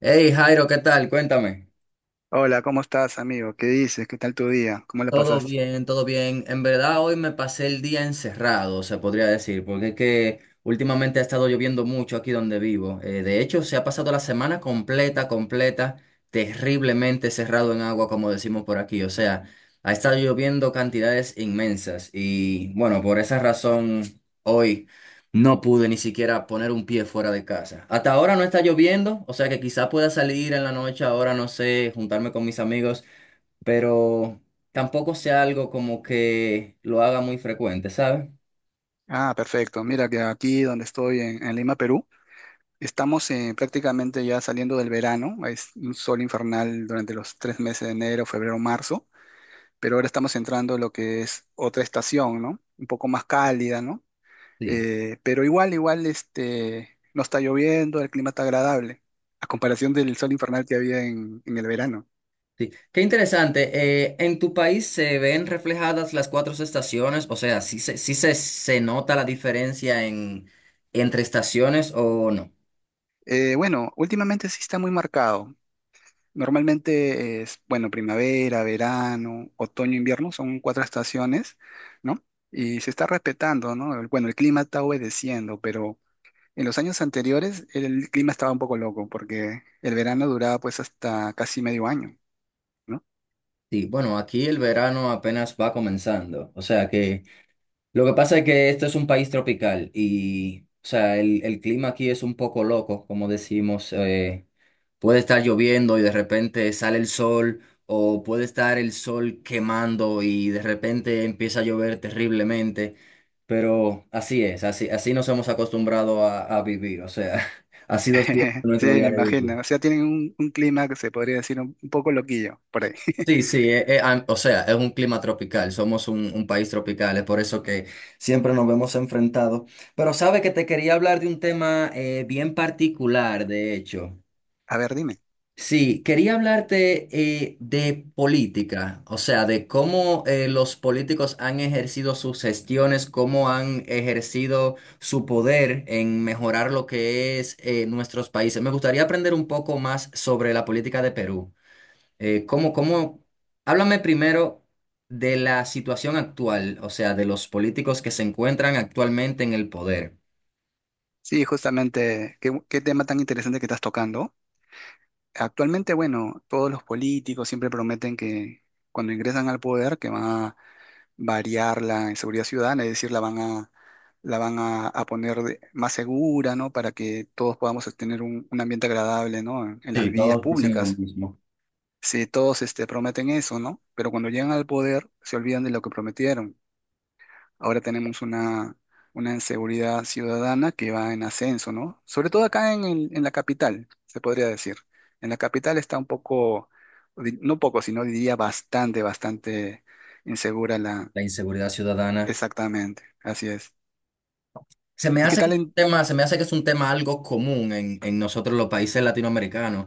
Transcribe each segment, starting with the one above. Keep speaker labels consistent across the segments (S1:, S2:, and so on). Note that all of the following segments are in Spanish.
S1: Hey Jairo, ¿qué tal? Cuéntame.
S2: Hola, ¿cómo estás, amigo? ¿Qué dices? ¿Qué tal tu día? ¿Cómo la
S1: Todo
S2: pasaste?
S1: bien, todo bien. En verdad hoy me pasé el día encerrado, se podría decir, porque es que últimamente ha estado lloviendo mucho aquí donde vivo. De hecho, se ha pasado la semana completa, completa, terriblemente cerrado en agua, como decimos por aquí. O sea, ha estado lloviendo cantidades inmensas y bueno, por esa razón hoy no pude ni siquiera poner un pie fuera de casa. Hasta ahora no está lloviendo, o sea que quizá pueda salir en la noche, ahora no sé, juntarme con mis amigos. Pero tampoco sea algo como que lo haga muy frecuente, ¿sabes?
S2: Ah, perfecto. Mira que aquí donde estoy en Lima, Perú, estamos prácticamente ya saliendo del verano. Es un sol infernal durante los 3 meses de enero, febrero, marzo, pero ahora estamos entrando en lo que es otra estación, ¿no? Un poco más cálida, ¿no?
S1: Sí.
S2: Pero igual, igual, no está lloviendo, el clima está agradable, a comparación del sol infernal que había en el verano.
S1: Sí. Qué interesante. ¿En tu país se ven reflejadas las cuatro estaciones? O sea, ¿sí se nota la diferencia entre estaciones o no?
S2: Bueno, últimamente sí está muy marcado. Normalmente es, bueno, primavera, verano, otoño, invierno, son cuatro estaciones, ¿no? Y se está respetando, ¿no? Bueno, el clima está obedeciendo, pero en los años anteriores el clima estaba un poco loco porque el verano duraba pues hasta casi medio año, ¿no?
S1: Sí, bueno, aquí el verano apenas va comenzando, o sea que. Lo que pasa es que esto es un país tropical y, o sea, el clima aquí es un poco loco, como decimos. Puede estar lloviendo y de repente sale el sol, o puede estar el sol quemando y de repente empieza a llover terriblemente. Pero así es, así, así nos hemos acostumbrado a vivir, o sea, ha sido siempre
S2: Sí,
S1: nuestro día
S2: me
S1: de vivir.
S2: imagino. O sea, tienen un clima que se podría decir un poco loquillo por ahí.
S1: Sí, sí, o sea, es un clima tropical, somos un país tropical, es por eso que siempre nos vemos enfrentados. Pero sabe que te quería hablar de un tema bien particular, de hecho.
S2: A ver, dime.
S1: Sí, quería hablarte de política, o sea, de cómo los políticos han ejercido sus gestiones, cómo han ejercido su poder en mejorar lo que es nuestros países. Me gustaría aprender un poco más sobre la política de Perú. ¿Cómo? Háblame primero de la situación actual, o sea, de los políticos que se encuentran actualmente en el poder.
S2: Sí, justamente, ¿qué tema tan interesante que estás tocando? Actualmente, bueno, todos los políticos siempre prometen que cuando ingresan al poder que van a variar la inseguridad ciudadana, es decir, la van a poner más segura, ¿no? Para que todos podamos tener un ambiente agradable, ¿no? En las
S1: Sí,
S2: vías
S1: todos dicen lo
S2: públicas.
S1: mismo.
S2: Sí, todos prometen eso, ¿no? Pero cuando llegan al poder se olvidan de lo que prometieron. Ahora tenemos una seguridad ciudadana que va en ascenso, ¿no? Sobre todo acá en, en la capital, se podría decir. En la capital está un poco, no poco, sino diría bastante, bastante insegura la...
S1: La inseguridad ciudadana.
S2: Exactamente, así es.
S1: Se me
S2: ¿Y qué
S1: hace que
S2: tal
S1: es un
S2: en...
S1: tema, se me hace que es un tema algo común en nosotros los países latinoamericanos.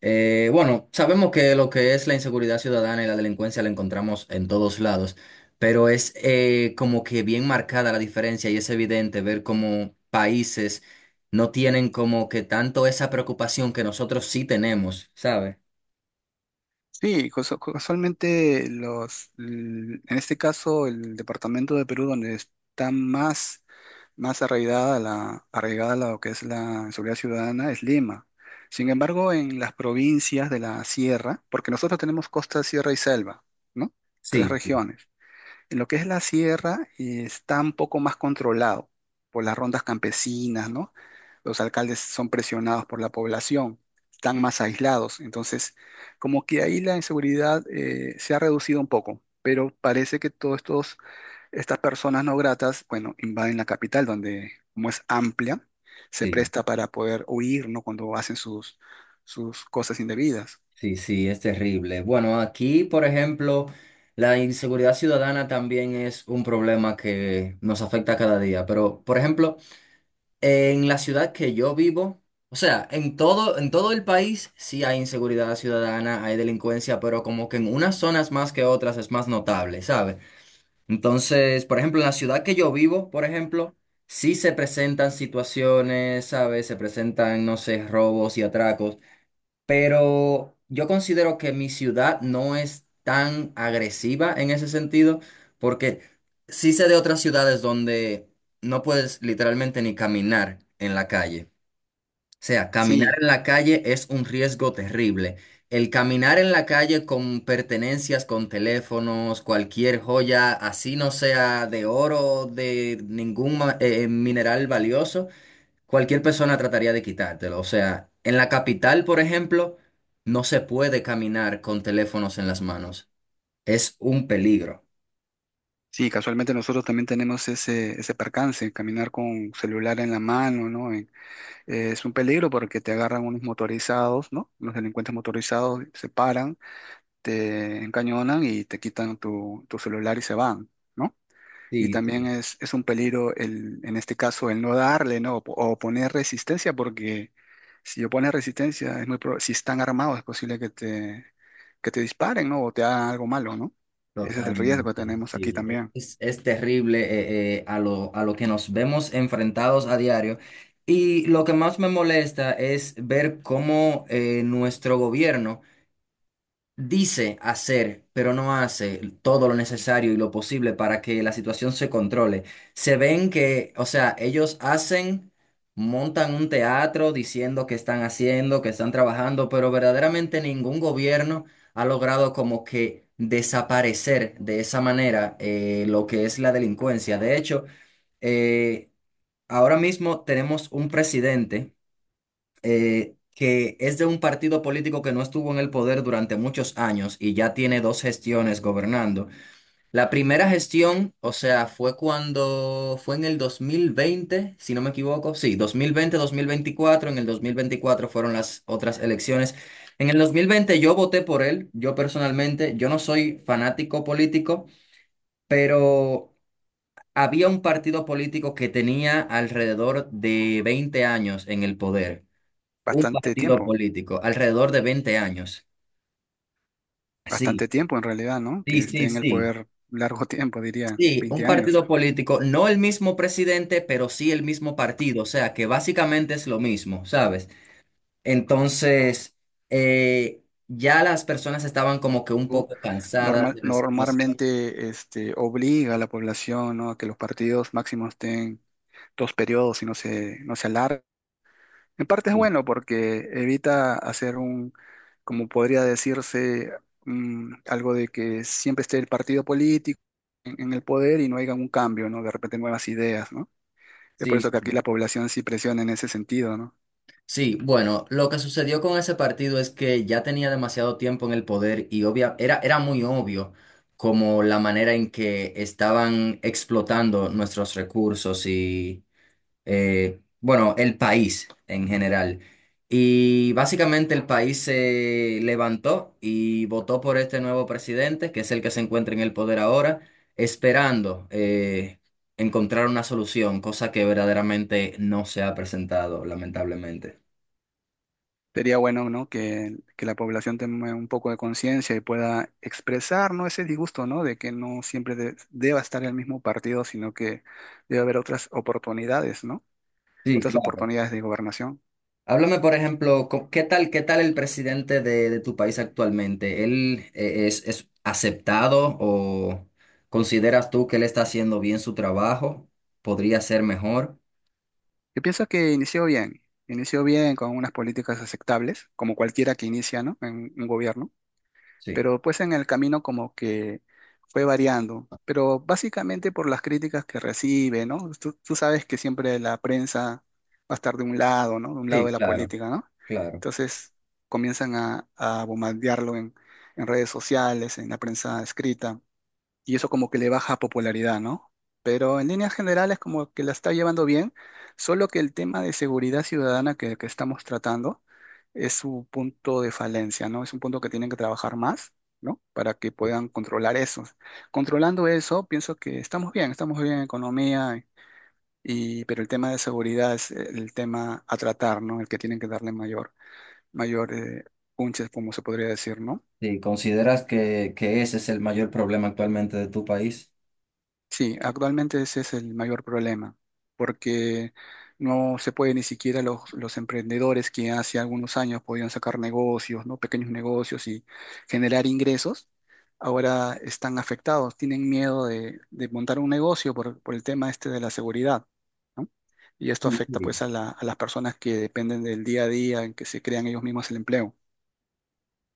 S1: Bueno, sabemos que lo que es la inseguridad ciudadana y la delincuencia la encontramos en todos lados, pero es como que bien marcada la diferencia y es evidente ver cómo países no tienen como que tanto esa preocupación que nosotros sí tenemos, ¿sabes?
S2: Sí, casualmente en este caso el departamento de Perú donde está más arraigada a arraigada a lo que es la seguridad ciudadana es Lima. Sin embargo, en las provincias de la sierra, porque nosotros tenemos costa, sierra y selva, ¿no? Tres
S1: Sí,
S2: regiones. En lo que es la sierra, está un poco más controlado por las rondas campesinas, ¿no? Los alcaldes son presionados por la población, están más aislados. Entonces, como que ahí la inseguridad se ha reducido un poco, pero parece que todos estos estas personas no gratas, bueno, invaden la capital donde, como es amplia, se
S1: sí.
S2: presta para poder huir, ¿no? Cuando hacen sus, sus cosas indebidas.
S1: Sí, sí, es terrible. Bueno, aquí, por ejemplo, la inseguridad ciudadana también es un problema que nos afecta cada día. Pero, por ejemplo, en la ciudad que yo vivo, o sea, en todo el país sí hay inseguridad ciudadana, hay delincuencia, pero como que en unas zonas más que otras es más notable, ¿sabes? Entonces, por ejemplo, en la ciudad que yo vivo, por ejemplo, sí se presentan situaciones, ¿sabes? Se presentan, no sé, robos y atracos, pero yo considero que mi ciudad no es tan agresiva en ese sentido, porque sí sé de otras ciudades donde no puedes literalmente ni caminar en la calle. O sea, caminar
S2: Sí,
S1: en la calle es un riesgo terrible. El caminar en la calle con pertenencias, con teléfonos, cualquier joya, así no sea de oro, de ningún mineral valioso, cualquier persona trataría de quitártelo. O sea, en la capital, por ejemplo, no se puede caminar con teléfonos en las manos. Es un peligro.
S2: sí, casualmente nosotros también tenemos ese percance, caminar con celular en la mano, ¿no? Es un peligro porque te agarran unos motorizados, ¿no? Los delincuentes motorizados se paran, te encañonan y te quitan tu celular y se van. ¿No? Y
S1: Sí,
S2: también
S1: sí,
S2: es un peligro el, en este caso el no darle, ¿no? O, o poner resistencia, porque si yo pones resistencia, es muy si están armados, es posible que te disparen, ¿no? O te hagan algo malo, ¿no? Ese es el riesgo que
S1: totalmente.
S2: tenemos aquí
S1: Sí. Eh,
S2: también.
S1: Es, es terrible a lo que nos vemos enfrentados a diario. Y lo que más me molesta es ver cómo nuestro gobierno. Dice hacer, pero no hace todo lo necesario y lo posible para que la situación se controle. Se ven que, o sea, ellos hacen, montan un teatro diciendo que están haciendo, que están trabajando, pero verdaderamente ningún gobierno ha logrado como que desaparecer de esa manera lo que es la delincuencia. De hecho, eh, ahora mismo tenemos un presidente que es de un partido político que no estuvo en el poder durante muchos años y ya tiene dos gestiones gobernando. La primera gestión, o sea, fue cuando fue en el 2020 si no me equivoco, sí, dos mil veinte, 2024, en el 2024 fueron las otras elecciones. En el 2020 yo voté por él, yo personalmente, yo no soy fanático político, pero. Había un partido político que tenía alrededor de 20 años en el poder. Un
S2: Bastante
S1: partido
S2: tiempo,
S1: político, alrededor de 20 años. Sí,
S2: bastante tiempo en realidad, ¿no?
S1: sí,
S2: Que esté
S1: sí,
S2: en el
S1: sí.
S2: poder largo tiempo, diría,
S1: Sí, un
S2: 20 años.
S1: partido político, no el mismo presidente, pero sí el mismo partido, o sea que básicamente es lo mismo, ¿sabes? Entonces, ya las personas estaban como que un
S2: Tú,
S1: poco cansadas de la situación.
S2: Normalmente obliga a la población, ¿no? A que los partidos máximos estén 2 periodos y no se alarguen. En parte es
S1: Sí,
S2: bueno porque evita hacer un, como podría decirse, algo de que siempre esté el partido político en el poder y no haya un cambio, ¿no? De repente nuevas ideas, ¿no? Es por
S1: sí,
S2: eso que aquí
S1: sí.
S2: la población sí presiona en ese sentido, ¿no?
S1: Sí, bueno, lo que sucedió con ese partido es que ya tenía demasiado tiempo en el poder y obvia, era muy obvio como la manera en que estaban explotando nuestros recursos y, bueno, el país en general. Y básicamente el país se levantó y votó por este nuevo presidente, que es el que se encuentra en el poder ahora, esperando encontrar una solución, cosa que verdaderamente no se ha presentado, lamentablemente.
S2: Sería bueno, ¿no? Que la población tenga un poco de conciencia y pueda expresar, ¿no? Ese disgusto, ¿no? De que no siempre deba estar el mismo partido, sino que debe haber otras oportunidades, ¿no?
S1: Sí,
S2: Otras
S1: claro.
S2: oportunidades de gobernación.
S1: Háblame, por ejemplo, ¿qué tal el presidente de tu país actualmente? ¿Él es aceptado o consideras tú que él está haciendo bien su trabajo? ¿Podría ser mejor?
S2: Yo pienso que inició bien con unas políticas aceptables, como cualquiera que inicia, ¿no? En un gobierno,
S1: Sí,
S2: pero pues en el camino como que fue variando, pero básicamente por las críticas que recibe, ¿no? Tú sabes que siempre la prensa va a estar de un lado, ¿no? De un lado
S1: sí,
S2: de la
S1: claro,
S2: política, ¿no?
S1: claro.
S2: Entonces comienzan a bombardearlo en, redes sociales, en la prensa escrita y eso como que le baja popularidad, ¿no? Pero en líneas generales como que la está llevando bien, solo que el tema de seguridad ciudadana que estamos tratando es su punto de falencia, ¿no? Es un punto que tienen que trabajar más, ¿no? Para que puedan controlar eso. Controlando eso, pienso que estamos bien en economía, y, pero el tema de seguridad es el tema a tratar, ¿no? El que tienen que darle mayor punches, como se podría decir, ¿no?
S1: Sí, ¿consideras que ese es el mayor problema actualmente de tu país?
S2: Sí, actualmente ese es el mayor problema, porque no se puede ni siquiera los emprendedores que hace algunos años podían sacar negocios, ¿no? Pequeños negocios y generar ingresos, ahora están afectados, tienen miedo de montar un negocio por el tema este de la seguridad, ¿no? Y esto
S1: Sí,
S2: afecta
S1: sí.
S2: pues a la- a las personas que dependen del día a día en que se crean ellos mismos el empleo.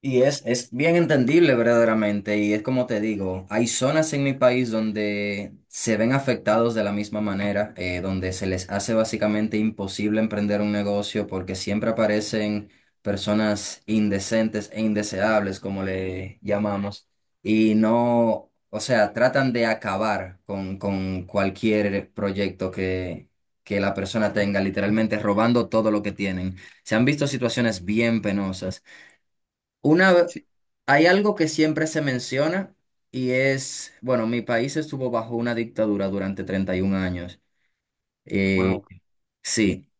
S1: Y es bien entendible verdaderamente, y es como te digo, hay zonas en mi país donde se ven afectados de la misma manera, donde se les hace básicamente imposible emprender un negocio porque siempre aparecen personas indecentes e indeseables, como le llamamos, y no, o sea, tratan de acabar con cualquier proyecto que la persona tenga, literalmente robando todo lo que tienen. Se han visto situaciones bien penosas. Una, ve-
S2: Sí,
S1: hay algo que siempre se menciona y es, bueno, mi país estuvo bajo una dictadura durante 31 años. Eh,
S2: wow.
S1: sí,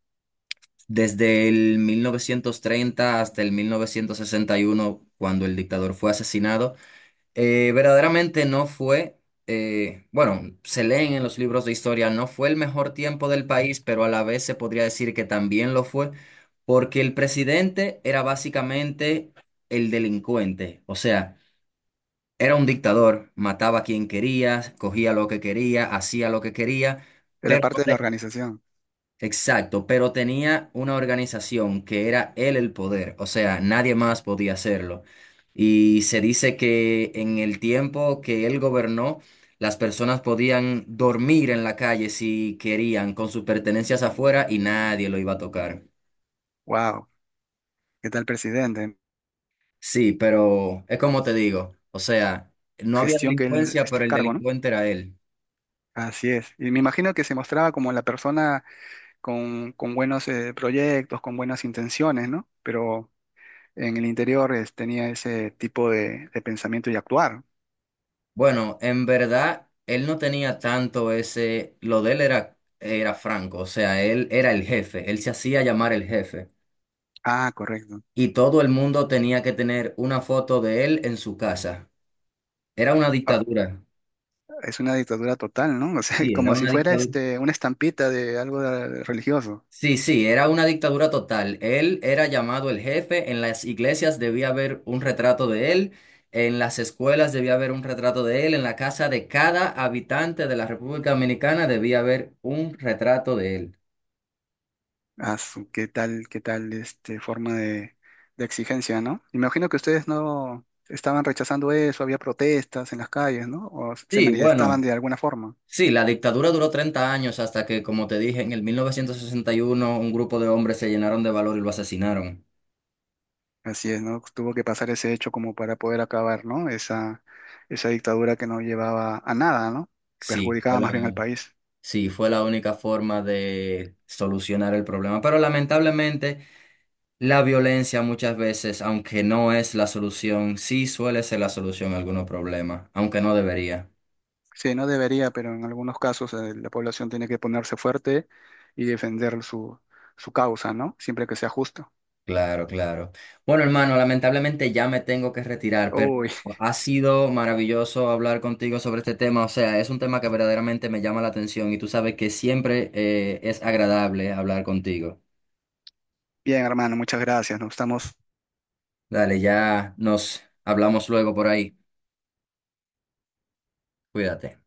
S1: desde el 1930 hasta el 1961 cuando el dictador fue asesinado. Verdaderamente no fue, bueno, se leen en los libros de historia, no fue el mejor tiempo del país, pero a la vez se podría decir que también lo fue, porque el presidente era básicamente el delincuente, o sea. Era un dictador, mataba a quien quería, cogía lo que quería, hacía lo que quería,
S2: Era
S1: pero
S2: parte de la organización.
S1: exacto, pero tenía una organización que era él el poder, o sea, nadie más podía hacerlo. Y se dice que en el tiempo que él gobernó, las personas podían dormir en la calle si querían, con sus pertenencias afuera y nadie lo iba a tocar.
S2: Wow. ¿Qué tal, presidente?
S1: Sí, pero es como te digo, o sea, no había
S2: Gestión que él
S1: delincuencia,
S2: está
S1: pero
S2: a
S1: el
S2: cargo, ¿no?
S1: delincuente era él.
S2: Así es. Y me imagino que se mostraba como la persona con buenos proyectos, con buenas intenciones, ¿no? Pero en el interior tenía ese tipo de pensamiento y actuar.
S1: Bueno, en verdad, él no tenía tanto ese, lo de él era franco, o sea, él era el jefe, él se hacía llamar el jefe
S2: Ah, correcto.
S1: y todo el mundo tenía que tener una foto de él en su casa. Era una
S2: Ah,
S1: dictadura.
S2: es una dictadura total, ¿no? O sea,
S1: Sí, era
S2: como si
S1: una
S2: fuera
S1: dictadura.
S2: este, una estampita de algo religioso.
S1: Sí, sí, era una dictadura total. Él era llamado el jefe, en las iglesias debía haber un retrato de él, en las escuelas debía haber un retrato de él, en la casa de cada habitante de la República Dominicana debía haber un retrato de él.
S2: Qué tal forma de exigencia, ¿no? Imagino que ustedes no estaban rechazando eso, había protestas en las calles, ¿no? O se
S1: Sí,
S2: manifestaban
S1: bueno,
S2: de alguna forma.
S1: sí, la dictadura duró 30 años hasta que, como te dije, en el 1961 un grupo de hombres se llenaron de valor y lo asesinaron.
S2: Así es, ¿no? Pues, tuvo que pasar ese hecho como para poder acabar, ¿no? Esa dictadura que no llevaba a nada, ¿no? Que
S1: Sí,
S2: perjudicaba más bien al país.
S1: sí, fue la única forma de solucionar el problema. Pero lamentablemente la violencia muchas veces, aunque no es la solución, sí suele ser la solución a algunos problemas, aunque no debería.
S2: Sí, no debería, pero en algunos casos la población tiene que ponerse fuerte y defender su, su causa, ¿no? Siempre que sea justo.
S1: Claro, claro. Bueno, hermano, lamentablemente ya me tengo que retirar, pero
S2: Uy,
S1: ha sido maravilloso hablar contigo sobre este tema. O sea, es un tema que verdaderamente me llama la atención y tú sabes que siempre es agradable hablar contigo.
S2: bien, hermano, muchas gracias. Nos estamos
S1: Dale, ya nos hablamos luego por ahí. Cuídate.